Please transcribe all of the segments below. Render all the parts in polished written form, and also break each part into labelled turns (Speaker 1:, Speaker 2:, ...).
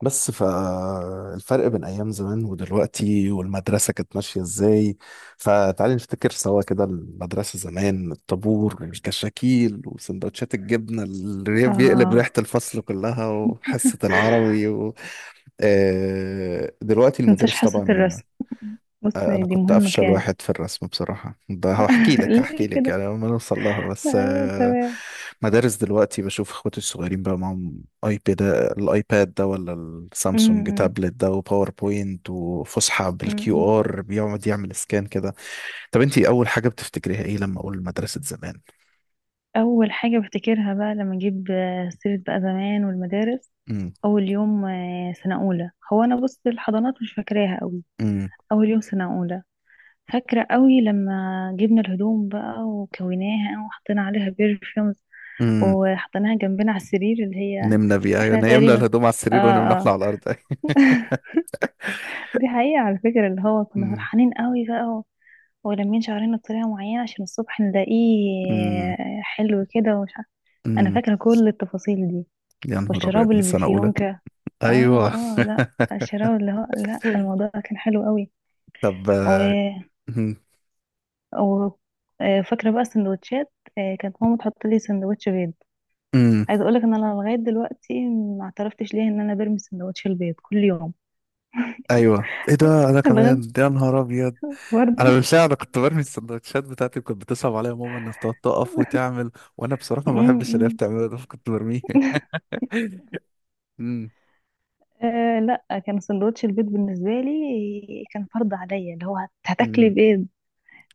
Speaker 1: بس فالفرق بين ايام زمان ودلوقتي والمدرسه كانت ماشيه ازاي؟ فتعالي نفتكر سوا كده المدرسه زمان، الطابور، الكشاكيل، وسندوتشات الجبنه اللي بيقلب ريحه
Speaker 2: اه
Speaker 1: الفصل كلها، وحصه العربي و... دلوقتي
Speaker 2: متنساش
Speaker 1: المدارس
Speaker 2: حصة
Speaker 1: طبعا.
Speaker 2: الرسم. بص،
Speaker 1: انا
Speaker 2: دي
Speaker 1: كنت
Speaker 2: مهمة
Speaker 1: افشل
Speaker 2: كانت.
Speaker 1: واحد في الرسم بصراحه، ده هحكي لك هحكي
Speaker 2: ليه
Speaker 1: لك
Speaker 2: كده؟
Speaker 1: يعني لما نوصل لها، بس
Speaker 2: تمام.
Speaker 1: مدارس دلوقتي بشوف اخواتي الصغيرين بقى معاهم ايباد، الايباد ده ولا السامسونج
Speaker 2: أمم،
Speaker 1: تابلت ده، وباوربوينت، وفسحه
Speaker 2: أمم، أمم.
Speaker 1: بالكيو ار بيقعد يعمل سكان كده. طب انت اول حاجه بتفتكريها ايه لما اقول مدرسه زمان؟
Speaker 2: أول حاجة بفتكرها بقى لما أجيب سيرة بقى زمان والمدارس.
Speaker 1: امم.
Speaker 2: أول يوم سنة أولى، هو أنا بص، الحضانات مش فاكراها أوي.
Speaker 1: امم.
Speaker 2: أول يوم سنة أولى، فاكرة أوي لما جبنا الهدوم بقى وكويناها وحطينا عليها برفيومز
Speaker 1: امم.
Speaker 2: وحطيناها جنبنا على السرير اللي هي
Speaker 1: نمنا بيها، ايوه،
Speaker 2: احنا
Speaker 1: نمنا
Speaker 2: تقريبا.
Speaker 1: الهدوم على
Speaker 2: اه،
Speaker 1: السرير ونمنا احنا
Speaker 2: اه،
Speaker 1: على الارض
Speaker 2: دي حقيقة على فكرة، اللي هو كنا
Speaker 1: امم.
Speaker 2: فرحانين قوي بقى ولمين شعرنا بطريقة معينة عشان الصبح نلاقيه
Speaker 1: امم.
Speaker 2: حلو كده ومش عارف. أنا
Speaker 1: امم.
Speaker 2: فاكرة كل التفاصيل دي،
Speaker 1: يا نهار ابيض
Speaker 2: والشراب
Speaker 1: من
Speaker 2: اللي
Speaker 1: سنه اولى.
Speaker 2: بفيونكة. اه،
Speaker 1: ايوه.
Speaker 2: اه، لا، الشراب اللي هو لا، الموضوع كان حلو قوي.
Speaker 1: طب
Speaker 2: و...
Speaker 1: مهم.
Speaker 2: و... فاكرة بقى السندوتشات. كانت ماما تحط لي سندوتش بيض.
Speaker 1: امم.
Speaker 2: عايزة اقولك ان انا لغاية دلوقتي ما اعترفتش ليه ان انا برمي سندوتش البيض كل يوم.
Speaker 1: ايوه، ايه ده، انا
Speaker 2: لغاية
Speaker 1: كمان يا نهار ابيض. انا
Speaker 2: برضه
Speaker 1: بالفعل، انا كنت برمي السندوتشات بتاعتي، كنت بتصعب عليا ماما انها بتقعد تقف وتعمل، وانا بصراحه ما بحبش اللي هي
Speaker 2: م-
Speaker 1: بتعمله ده، فكنت برميه
Speaker 2: م.
Speaker 1: امم.
Speaker 2: أه، لا، كان سندوتش البيض بالنسبة لي كان فرض عليا اللي هو هتاكلي
Speaker 1: امم.
Speaker 2: بيض.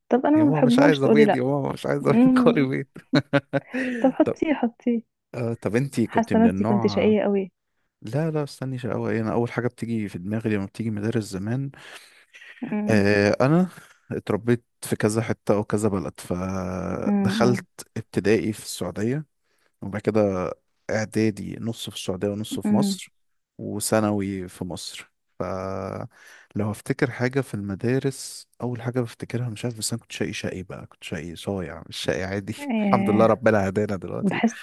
Speaker 2: طب
Speaker 1: يا
Speaker 2: انا ما
Speaker 1: ماما مش
Speaker 2: بحبوش،
Speaker 1: عايز
Speaker 2: تقولي
Speaker 1: ابيض، يا
Speaker 2: لا.
Speaker 1: ماما مش عايز ابيض، كولي
Speaker 2: مم.
Speaker 1: بيض.
Speaker 2: طب،
Speaker 1: طب.
Speaker 2: حطيه حطيه.
Speaker 1: آه، طب انتي كنت
Speaker 2: حاسة
Speaker 1: من
Speaker 2: نفسي كنت
Speaker 1: النوع.
Speaker 2: شقية قوي.
Speaker 1: لا لا، استني، شقاوة ايه؟ انا اول حاجه بتيجي في دماغي لما بتيجي مدارس زمان،
Speaker 2: مم.
Speaker 1: آه، انا اتربيت في كذا حته وكذا بلد،
Speaker 2: مم. مم.
Speaker 1: فدخلت ابتدائي في السعوديه، وبعد كده إعدادي نص في السعودية ونص في
Speaker 2: مم.
Speaker 1: مصر، وثانوي في مصر. فلو هفتكر حاجة في المدارس، أول حاجة بفتكرها مش عارف، بس أنا كنت شقي شقي بقى، كنت شقي صايع مش شقي عادي الحمد لله
Speaker 2: أه،
Speaker 1: ربنا هدانا دلوقتي.
Speaker 2: بحس.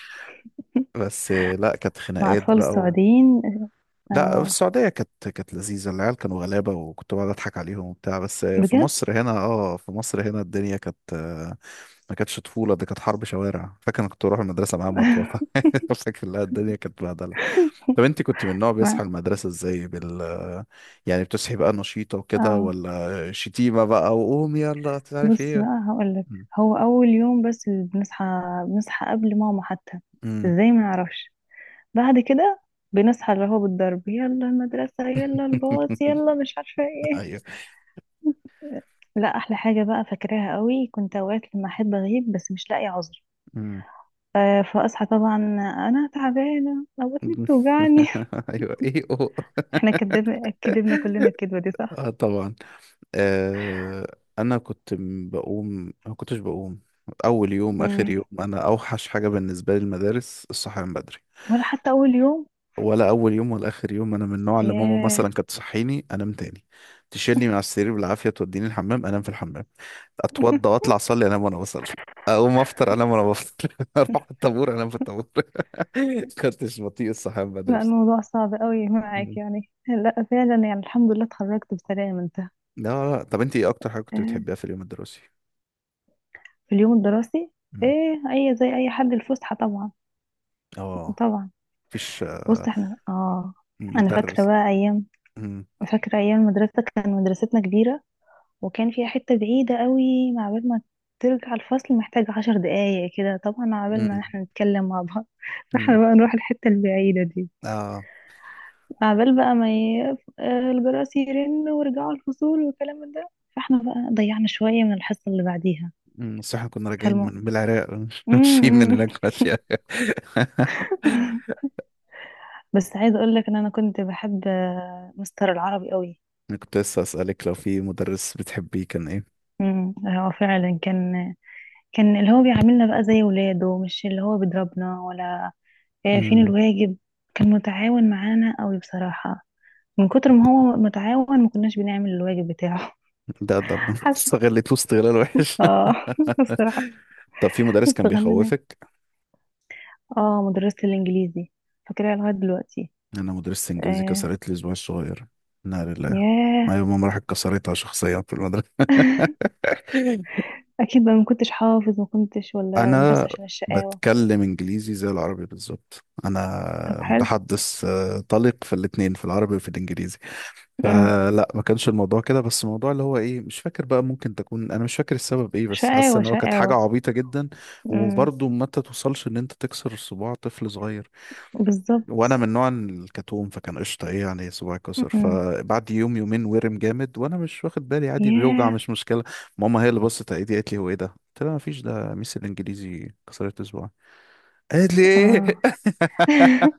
Speaker 1: بس لا، كانت
Speaker 2: مع
Speaker 1: خناقات
Speaker 2: اطفال
Speaker 1: بقى.
Speaker 2: السعوديين.
Speaker 1: لا، في
Speaker 2: اه،
Speaker 1: السعودية كانت لذيذة، العيال كانوا غلابة وكنت بقعد أضحك عليهم وبتاع. بس في
Speaker 2: بجد.
Speaker 1: مصر هنا، اه، في مصر هنا الدنيا كانت، ما كانتش طفولة، دي كانت حرب شوارع. فاكر أنا كنت بروح المدرسة معايا مطوة فاكر لا، الدنيا كانت بهدلة. طب أنت كنت من النوع
Speaker 2: ما-
Speaker 1: بيصحى المدرسة إزاي بال، يعني بتصحي بقى نشيطة وكده
Speaker 2: اه،
Speaker 1: ولا شتيمة بقى وقوم يلا مش عارف
Speaker 2: بصي
Speaker 1: إيه؟
Speaker 2: بقى هقول لك.
Speaker 1: مم.
Speaker 2: هو اول يوم بس اللي بنصحى، بنصحى قبل ماما حتى.
Speaker 1: مم.
Speaker 2: ازاي؟ ما نعرفش. بعد كده بنصحى اللي هو بالضرب، يلا المدرسة، يلا الباص، يلا مش عارفة ايه.
Speaker 1: أيوه.
Speaker 2: لا، أحلى حاجة بقى فاكراها قوي، كنت أوقات لما أحب أغيب بس مش لاقي عذر.
Speaker 1: مم.
Speaker 2: فأصحى طبعا أنا تعبانة أو بطني بتوجعني.
Speaker 1: أيوه، إيه أوه.
Speaker 2: احنا كدبنا كدبنا كلنا الكدبة دي، صح؟
Speaker 1: اه طبعا. انا كنت بقوم، ما كنتش بقوم. اول يوم، اخر
Speaker 2: مم.
Speaker 1: يوم، انا اوحش حاجه بالنسبه لي المدارس الصحيان بدري.
Speaker 2: ولا حتى أول يوم.
Speaker 1: ولا اول يوم ولا اخر يوم، انا من النوع اللي ماما
Speaker 2: ياه.
Speaker 1: مثلا كانت تصحيني انام تاني، تشيلني من على السرير بالعافيه توديني الحمام، انام في الحمام، اتوضى واطلع اصلي انام وانا بصلي، اقوم افطر انام وانا بفطر اروح الطابور انام في الطابور كنتش بطيء الصحيان بدري.
Speaker 2: لا، الموضوع صعب قوي معاك
Speaker 1: مم.
Speaker 2: يعني. لا، فعلا يعني الحمد لله اتخرجت بسلام انت.
Speaker 1: لا لا، طب انت ايه اكتر حاجه كنت
Speaker 2: آه،
Speaker 1: بتحبيها في اليوم الدراسي؟
Speaker 2: في اليوم الدراسي،
Speaker 1: مم.
Speaker 2: ايه اي زي اي حد؟ الفسحة طبعا،
Speaker 1: اه.
Speaker 2: طبعا.
Speaker 1: مفيش
Speaker 2: بص، احنا اه، انا فاكره
Speaker 1: مدرس.
Speaker 2: بقى ايام.
Speaker 1: امم.
Speaker 2: فاكره ايام المدرسه، كان مدرستنا كبيره وكان فيها حته بعيده قوي، مع بال ما ترجع الفصل محتاج عشر دقايق كده طبعا، مع بال ما
Speaker 1: امم.
Speaker 2: احنا نتكلم مع بعض فاحنا
Speaker 1: امم.
Speaker 2: بقى نروح الحته البعيده دي،
Speaker 1: اه.
Speaker 2: مع بال بقى ما ي... الجرس يرن ورجعوا الفصول والكلام من ده، فاحنا بقى ضيعنا شويه من الحصه اللي بعديها.
Speaker 1: امم. بس احنا كنا راجعين
Speaker 2: فالم...
Speaker 1: من العراق مش ماشيين، من
Speaker 2: مم.
Speaker 1: هناك ماشية
Speaker 2: بس عايزه اقول لك ان انا كنت بحب مستر العربي قوي.
Speaker 1: انا كنت لسه اسالك لو في مدرس بتحبيه كان ايه.
Speaker 2: امم، هو فعلا كان اللي هو بيعاملنا بقى زي ولاده، مش اللي هو بيضربنا ولا فين
Speaker 1: امم.
Speaker 2: الواجب. كان متعاون معانا قوي بصراحة. من كتر ما هو متعاون ما كناش بنعمل الواجب بتاعه.
Speaker 1: ده
Speaker 2: حاسة.
Speaker 1: استغلته استغلال وحش.
Speaker 2: اه. الصراحة
Speaker 1: طب في مدرس كان
Speaker 2: استغنينا.
Speaker 1: بيخوفك؟
Speaker 2: اه، مدرسة الإنجليزي فاكراها لغاية دلوقتي.
Speaker 1: انا مدرسة انجليزي
Speaker 2: آه.
Speaker 1: كسرت لي اسبوعي الصغير. نار الله.
Speaker 2: ياه.
Speaker 1: ايوه، ماما راحت كسرتها شخصيا في المدرسة
Speaker 2: أكيد بقى ما كنتش حافظ، ما كنتش ولا بس
Speaker 1: انا
Speaker 2: عشان الشقاوة.
Speaker 1: بتكلم انجليزي زي العربي بالظبط،
Speaker 2: طب
Speaker 1: انا
Speaker 2: حلو.
Speaker 1: متحدث طليق في الاتنين، في العربي وفي الانجليزي.
Speaker 2: امم.
Speaker 1: فلا، ما كانش الموضوع كده. بس الموضوع اللي هو ايه مش فاكر بقى، ممكن تكون انا مش فاكر السبب ايه، بس حاسه
Speaker 2: شقاوة
Speaker 1: ان هو كانت حاجه
Speaker 2: شقاوة.
Speaker 1: عبيطه جدا.
Speaker 2: امم.
Speaker 1: وبرضه ما توصلش ان انت تكسر صباع طفل صغير.
Speaker 2: بالظبط.
Speaker 1: وانا من نوع الكتوم، فكان قشطه، ايه يعني صباعي كسر.
Speaker 2: امم.
Speaker 1: فبعد يوم يومين ورم جامد، وانا مش واخد بالي، عادي بيوجع
Speaker 2: ياه.
Speaker 1: مش مشكله. ماما هي اللي بصت على ايدي، قالت لي هو ايه ده؟ قلت لها مفيش، ده ميس الانجليزي كسرت صباعي. قالت لي
Speaker 2: اه،
Speaker 1: ايه؟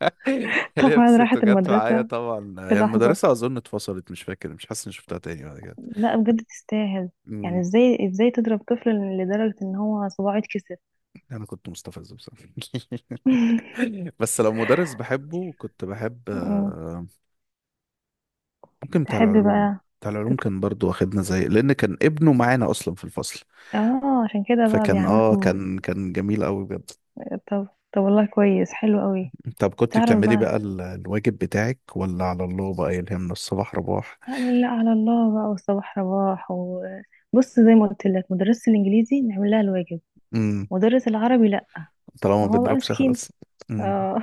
Speaker 2: طبعا
Speaker 1: لبست
Speaker 2: راحت
Speaker 1: وجت معايا
Speaker 2: المدرسة
Speaker 1: طبعا،
Speaker 2: في
Speaker 1: هي
Speaker 2: لحظة.
Speaker 1: المدرسه اظن اتفصلت، مش فاكر، مش حاسس اني شفتها تاني بعد كده.
Speaker 2: لا، بجد تستاهل. يعني
Speaker 1: امم.
Speaker 2: ازاي ازاي تضرب طفل لدرجة ان هو صباعه يتكسر؟
Speaker 1: انا كنت مستفز بصراحه. بس لو مدرس بحبه كنت بحب،
Speaker 2: أمم.
Speaker 1: ممكن بتاع
Speaker 2: تحب
Speaker 1: العلوم.
Speaker 2: بقى.
Speaker 1: بتاع
Speaker 2: تت...
Speaker 1: العلوم كان برضو واخدنا زي، لان كان ابنه معانا اصلا في الفصل.
Speaker 2: اه، عشان كده بقى
Speaker 1: فكان اه،
Speaker 2: بيعملكم.
Speaker 1: كان جميل قوي بجد.
Speaker 2: طب، طب والله كويس، حلو قوي.
Speaker 1: طب كنت
Speaker 2: تعرف
Speaker 1: بتعملي
Speaker 2: بقى.
Speaker 1: بقى الواجب بتاعك ولا على الله بقى يلهمنا الصباح رباح؟
Speaker 2: لا، لا على الله بقى والصباح رباح، وبص زي ما قلت لك مدرسة الانجليزي نعمل لها الواجب،
Speaker 1: امم.
Speaker 2: مدرس العربي لا.
Speaker 1: طالما ما
Speaker 2: ما هو بقى
Speaker 1: بيضربش
Speaker 2: مسكين.
Speaker 1: خلاص. امم.
Speaker 2: اه.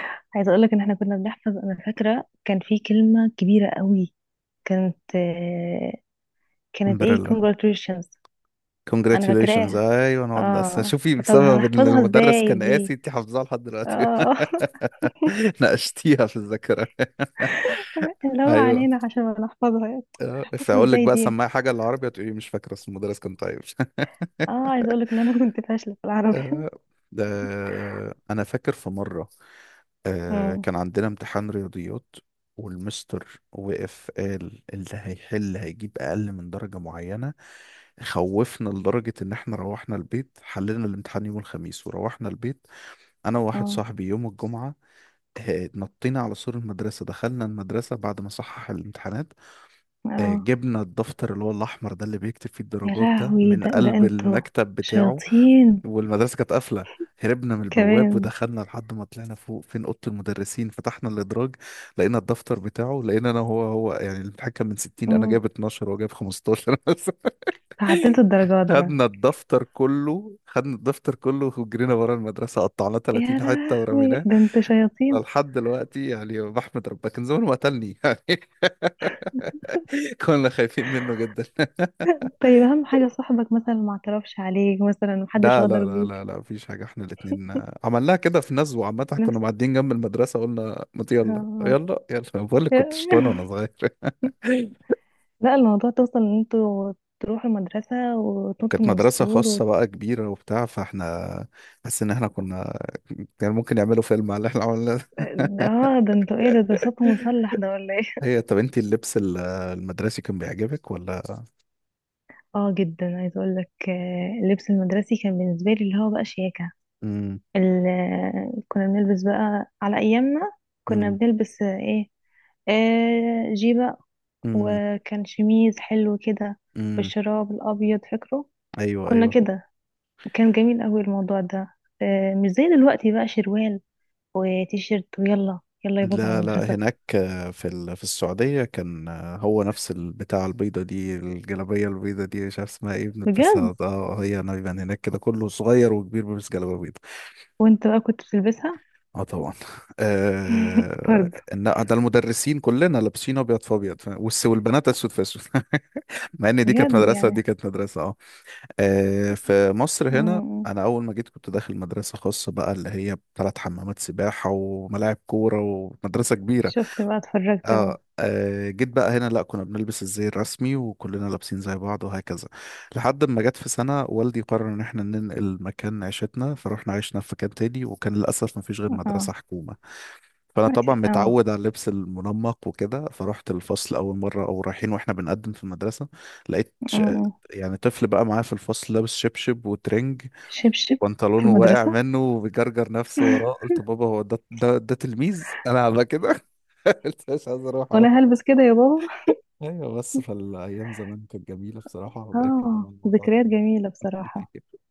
Speaker 2: عايزه اقول لك ان احنا كنا بنحفظ. انا فاكره كان في كلمه كبيره قوي، كانت كانت
Speaker 1: الحمد
Speaker 2: ايه؟
Speaker 1: لله.
Speaker 2: congratulations. انا
Speaker 1: congratulations،
Speaker 2: فاكراها.
Speaker 1: ايوه، نقعد نقسم.
Speaker 2: اه،
Speaker 1: شوفي
Speaker 2: طب
Speaker 1: بسبب ان
Speaker 2: هنحفظها
Speaker 1: المدرس
Speaker 2: ازاي
Speaker 1: كان قاسي
Speaker 2: دي؟
Speaker 1: انت حافظاها لحد دلوقتي.
Speaker 2: اه.
Speaker 1: ناقشتيها في الذاكره.
Speaker 2: اللي هو
Speaker 1: ايوه.
Speaker 2: عنينا عشان ما نحفظها يعني. هنحفظها
Speaker 1: فاقول لك
Speaker 2: ازاي
Speaker 1: بقى
Speaker 2: دي؟
Speaker 1: سماها حاجه العربية، تقولي مش فاكره اسم المدرس، كان طيب.
Speaker 2: اه، عايز اقولك ان انا كنت فاشلة في العربي.
Speaker 1: آه، ده انا فاكر في مره
Speaker 2: امم.
Speaker 1: كان عندنا امتحان رياضيات، والمستر وقف قال اللي هيحل هيجيب اقل من درجه معينه، خوفنا لدرجه ان احنا روحنا البيت حلينا الامتحان يوم الخميس. وروحنا البيت انا وواحد
Speaker 2: اه.
Speaker 1: صاحبي يوم الجمعه، نطينا على سور المدرسه، دخلنا المدرسه بعد ما صحح الامتحانات،
Speaker 2: اه.
Speaker 1: جبنا الدفتر اللي هو الاحمر ده اللي بيكتب فيه
Speaker 2: يا
Speaker 1: الدرجات ده
Speaker 2: لهوي،
Speaker 1: من
Speaker 2: ده ده
Speaker 1: قلب
Speaker 2: انتوا
Speaker 1: المكتب بتاعه.
Speaker 2: شياطين.
Speaker 1: والمدرسة كانت قافلة، هربنا من البواب
Speaker 2: كمان.
Speaker 1: ودخلنا لحد ما طلعنا فوق فين أوضة المدرسين، فتحنا الإدراج لقينا الدفتر بتاعه، لقينا أنا هو يعني، الامتحان كان من 60، أنا
Speaker 2: امم.
Speaker 1: جايب 12 وهو جايب 15
Speaker 2: تعدلتوا الدرجات بقى.
Speaker 1: خدنا الدفتر كله، خدنا الدفتر كله وجرينا ورا المدرسة قطعناه
Speaker 2: يا
Speaker 1: 30 حتة
Speaker 2: لهوي،
Speaker 1: ورميناه.
Speaker 2: ده انتوا شياطين.
Speaker 1: لحد دلوقتي يعني بحمد ربنا كان زمانه ما قتلني يعني كنا خايفين منه جدا.
Speaker 2: طيب، اهم حاجة صاحبك مثلا ما اعترفش عليك، مثلا محدش
Speaker 1: لا لا
Speaker 2: غدر
Speaker 1: لا
Speaker 2: بيك.
Speaker 1: لا لا، مفيش حاجة، احنا الاتنين عملناها كده في نزوة عامة، كنا
Speaker 2: نفس.
Speaker 1: معديين جنب المدرسة قلنا ما يلا
Speaker 2: اه.
Speaker 1: يلا يلا أنا بقول لك كنت شطان وانا
Speaker 2: آه.
Speaker 1: صغير.
Speaker 2: لا، الموضوع توصل ان انتوا تروحوا المدرسة وتنطوا
Speaker 1: كانت
Speaker 2: من
Speaker 1: مدرسة
Speaker 2: السور
Speaker 1: خاصة بقى كبيرة وبتاع، فاحنا حاسس ان احنا كنا، كان ممكن يعملوا فيلم على اللي احنا عملناه ده.
Speaker 2: اه، ده انتوا ايه؟ ده ده صوته مسلح ده ولا ايه؟
Speaker 1: هي طب انت اللبس المدرسي كان بيعجبك ولا؟
Speaker 2: اه جدا. عايزة اقول لك اللبس المدرسي كان بالنسبة لي اللي هو بقى شياكة.
Speaker 1: امم.
Speaker 2: كنا بنلبس بقى على ايامنا، كنا
Speaker 1: امم.
Speaker 2: بنلبس ايه، آه جيبة
Speaker 1: امم.
Speaker 2: وكان شميز حلو كده
Speaker 1: أمم.
Speaker 2: والشراب الابيض فاكره.
Speaker 1: ايوه
Speaker 2: كنا
Speaker 1: ايوه.
Speaker 2: كده، كان جميل قوي الموضوع ده. آه، مش زي دلوقتي بقى شروال وتيشيرت ويلا يلا يا بابا على
Speaker 1: لا لا،
Speaker 2: المدرسة.
Speaker 1: هناك في في السعودية كان، هو نفس البتاع، البيضة دي، الجلابية البيضة دي مش عارف اسمها ايه،
Speaker 2: بجد.
Speaker 1: بنلبسها اه. هي انا بيبقى هناك كده كله صغير وكبير بيلبس جلابية بيضة.
Speaker 2: وانت بقى كنت بتلبسها؟
Speaker 1: اه طبعا.
Speaker 2: فرد.
Speaker 1: ده المدرسين كلنا لابسين ابيض في ابيض فاهم؟ والبنات اسود في اسود مع ان دي كانت
Speaker 2: بجد
Speaker 1: مدرسة ودي
Speaker 2: يعني.
Speaker 1: كانت مدرسة، اه. في مصر هنا
Speaker 2: مم.
Speaker 1: انا اول ما جيت كنت داخل مدرسة خاصة بقى، اللي هي بثلاث حمامات سباحة وملاعب كورة ومدرسة كبيرة.
Speaker 2: شفت بقى، اتفرجت بقى.
Speaker 1: اه. جيت بقى هنا، لا، كنا بنلبس الزي الرسمي وكلنا لابسين زي بعض وهكذا. لحد ما جت في سنة والدي قرر ان احنا ننقل مكان عيشتنا، فروحنا عشنا في مكان تاني، وكان للأسف ما فيش غير مدرسة
Speaker 2: اه،
Speaker 1: حكومة. فأنا
Speaker 2: ماشي،
Speaker 1: طبعا
Speaker 2: اه.
Speaker 1: متعود على اللبس المنمق وكده، فرحت الفصل أول مرة، أو رايحين واحنا بنقدم في المدرسة، لقيت
Speaker 2: مم.
Speaker 1: يعني طفل بقى معاه في الفصل لابس شبشب وترنج،
Speaker 2: شبشب في
Speaker 1: وبنطلونه واقع
Speaker 2: المدرسة،
Speaker 1: منه وبيجرجر نفسه وراه. قلت بابا هو ده، ده تلميذ انا عامله كده؟ قلت مش عايز اروح.
Speaker 2: وانا هلبس كده يا بابا؟
Speaker 1: ايوه، بس فالايام زمان كانت جميله بصراحه، وبقى الكلام
Speaker 2: اه،
Speaker 1: عن الموضوع
Speaker 2: ذكريات
Speaker 1: تاني.
Speaker 2: جميلة بصراحة.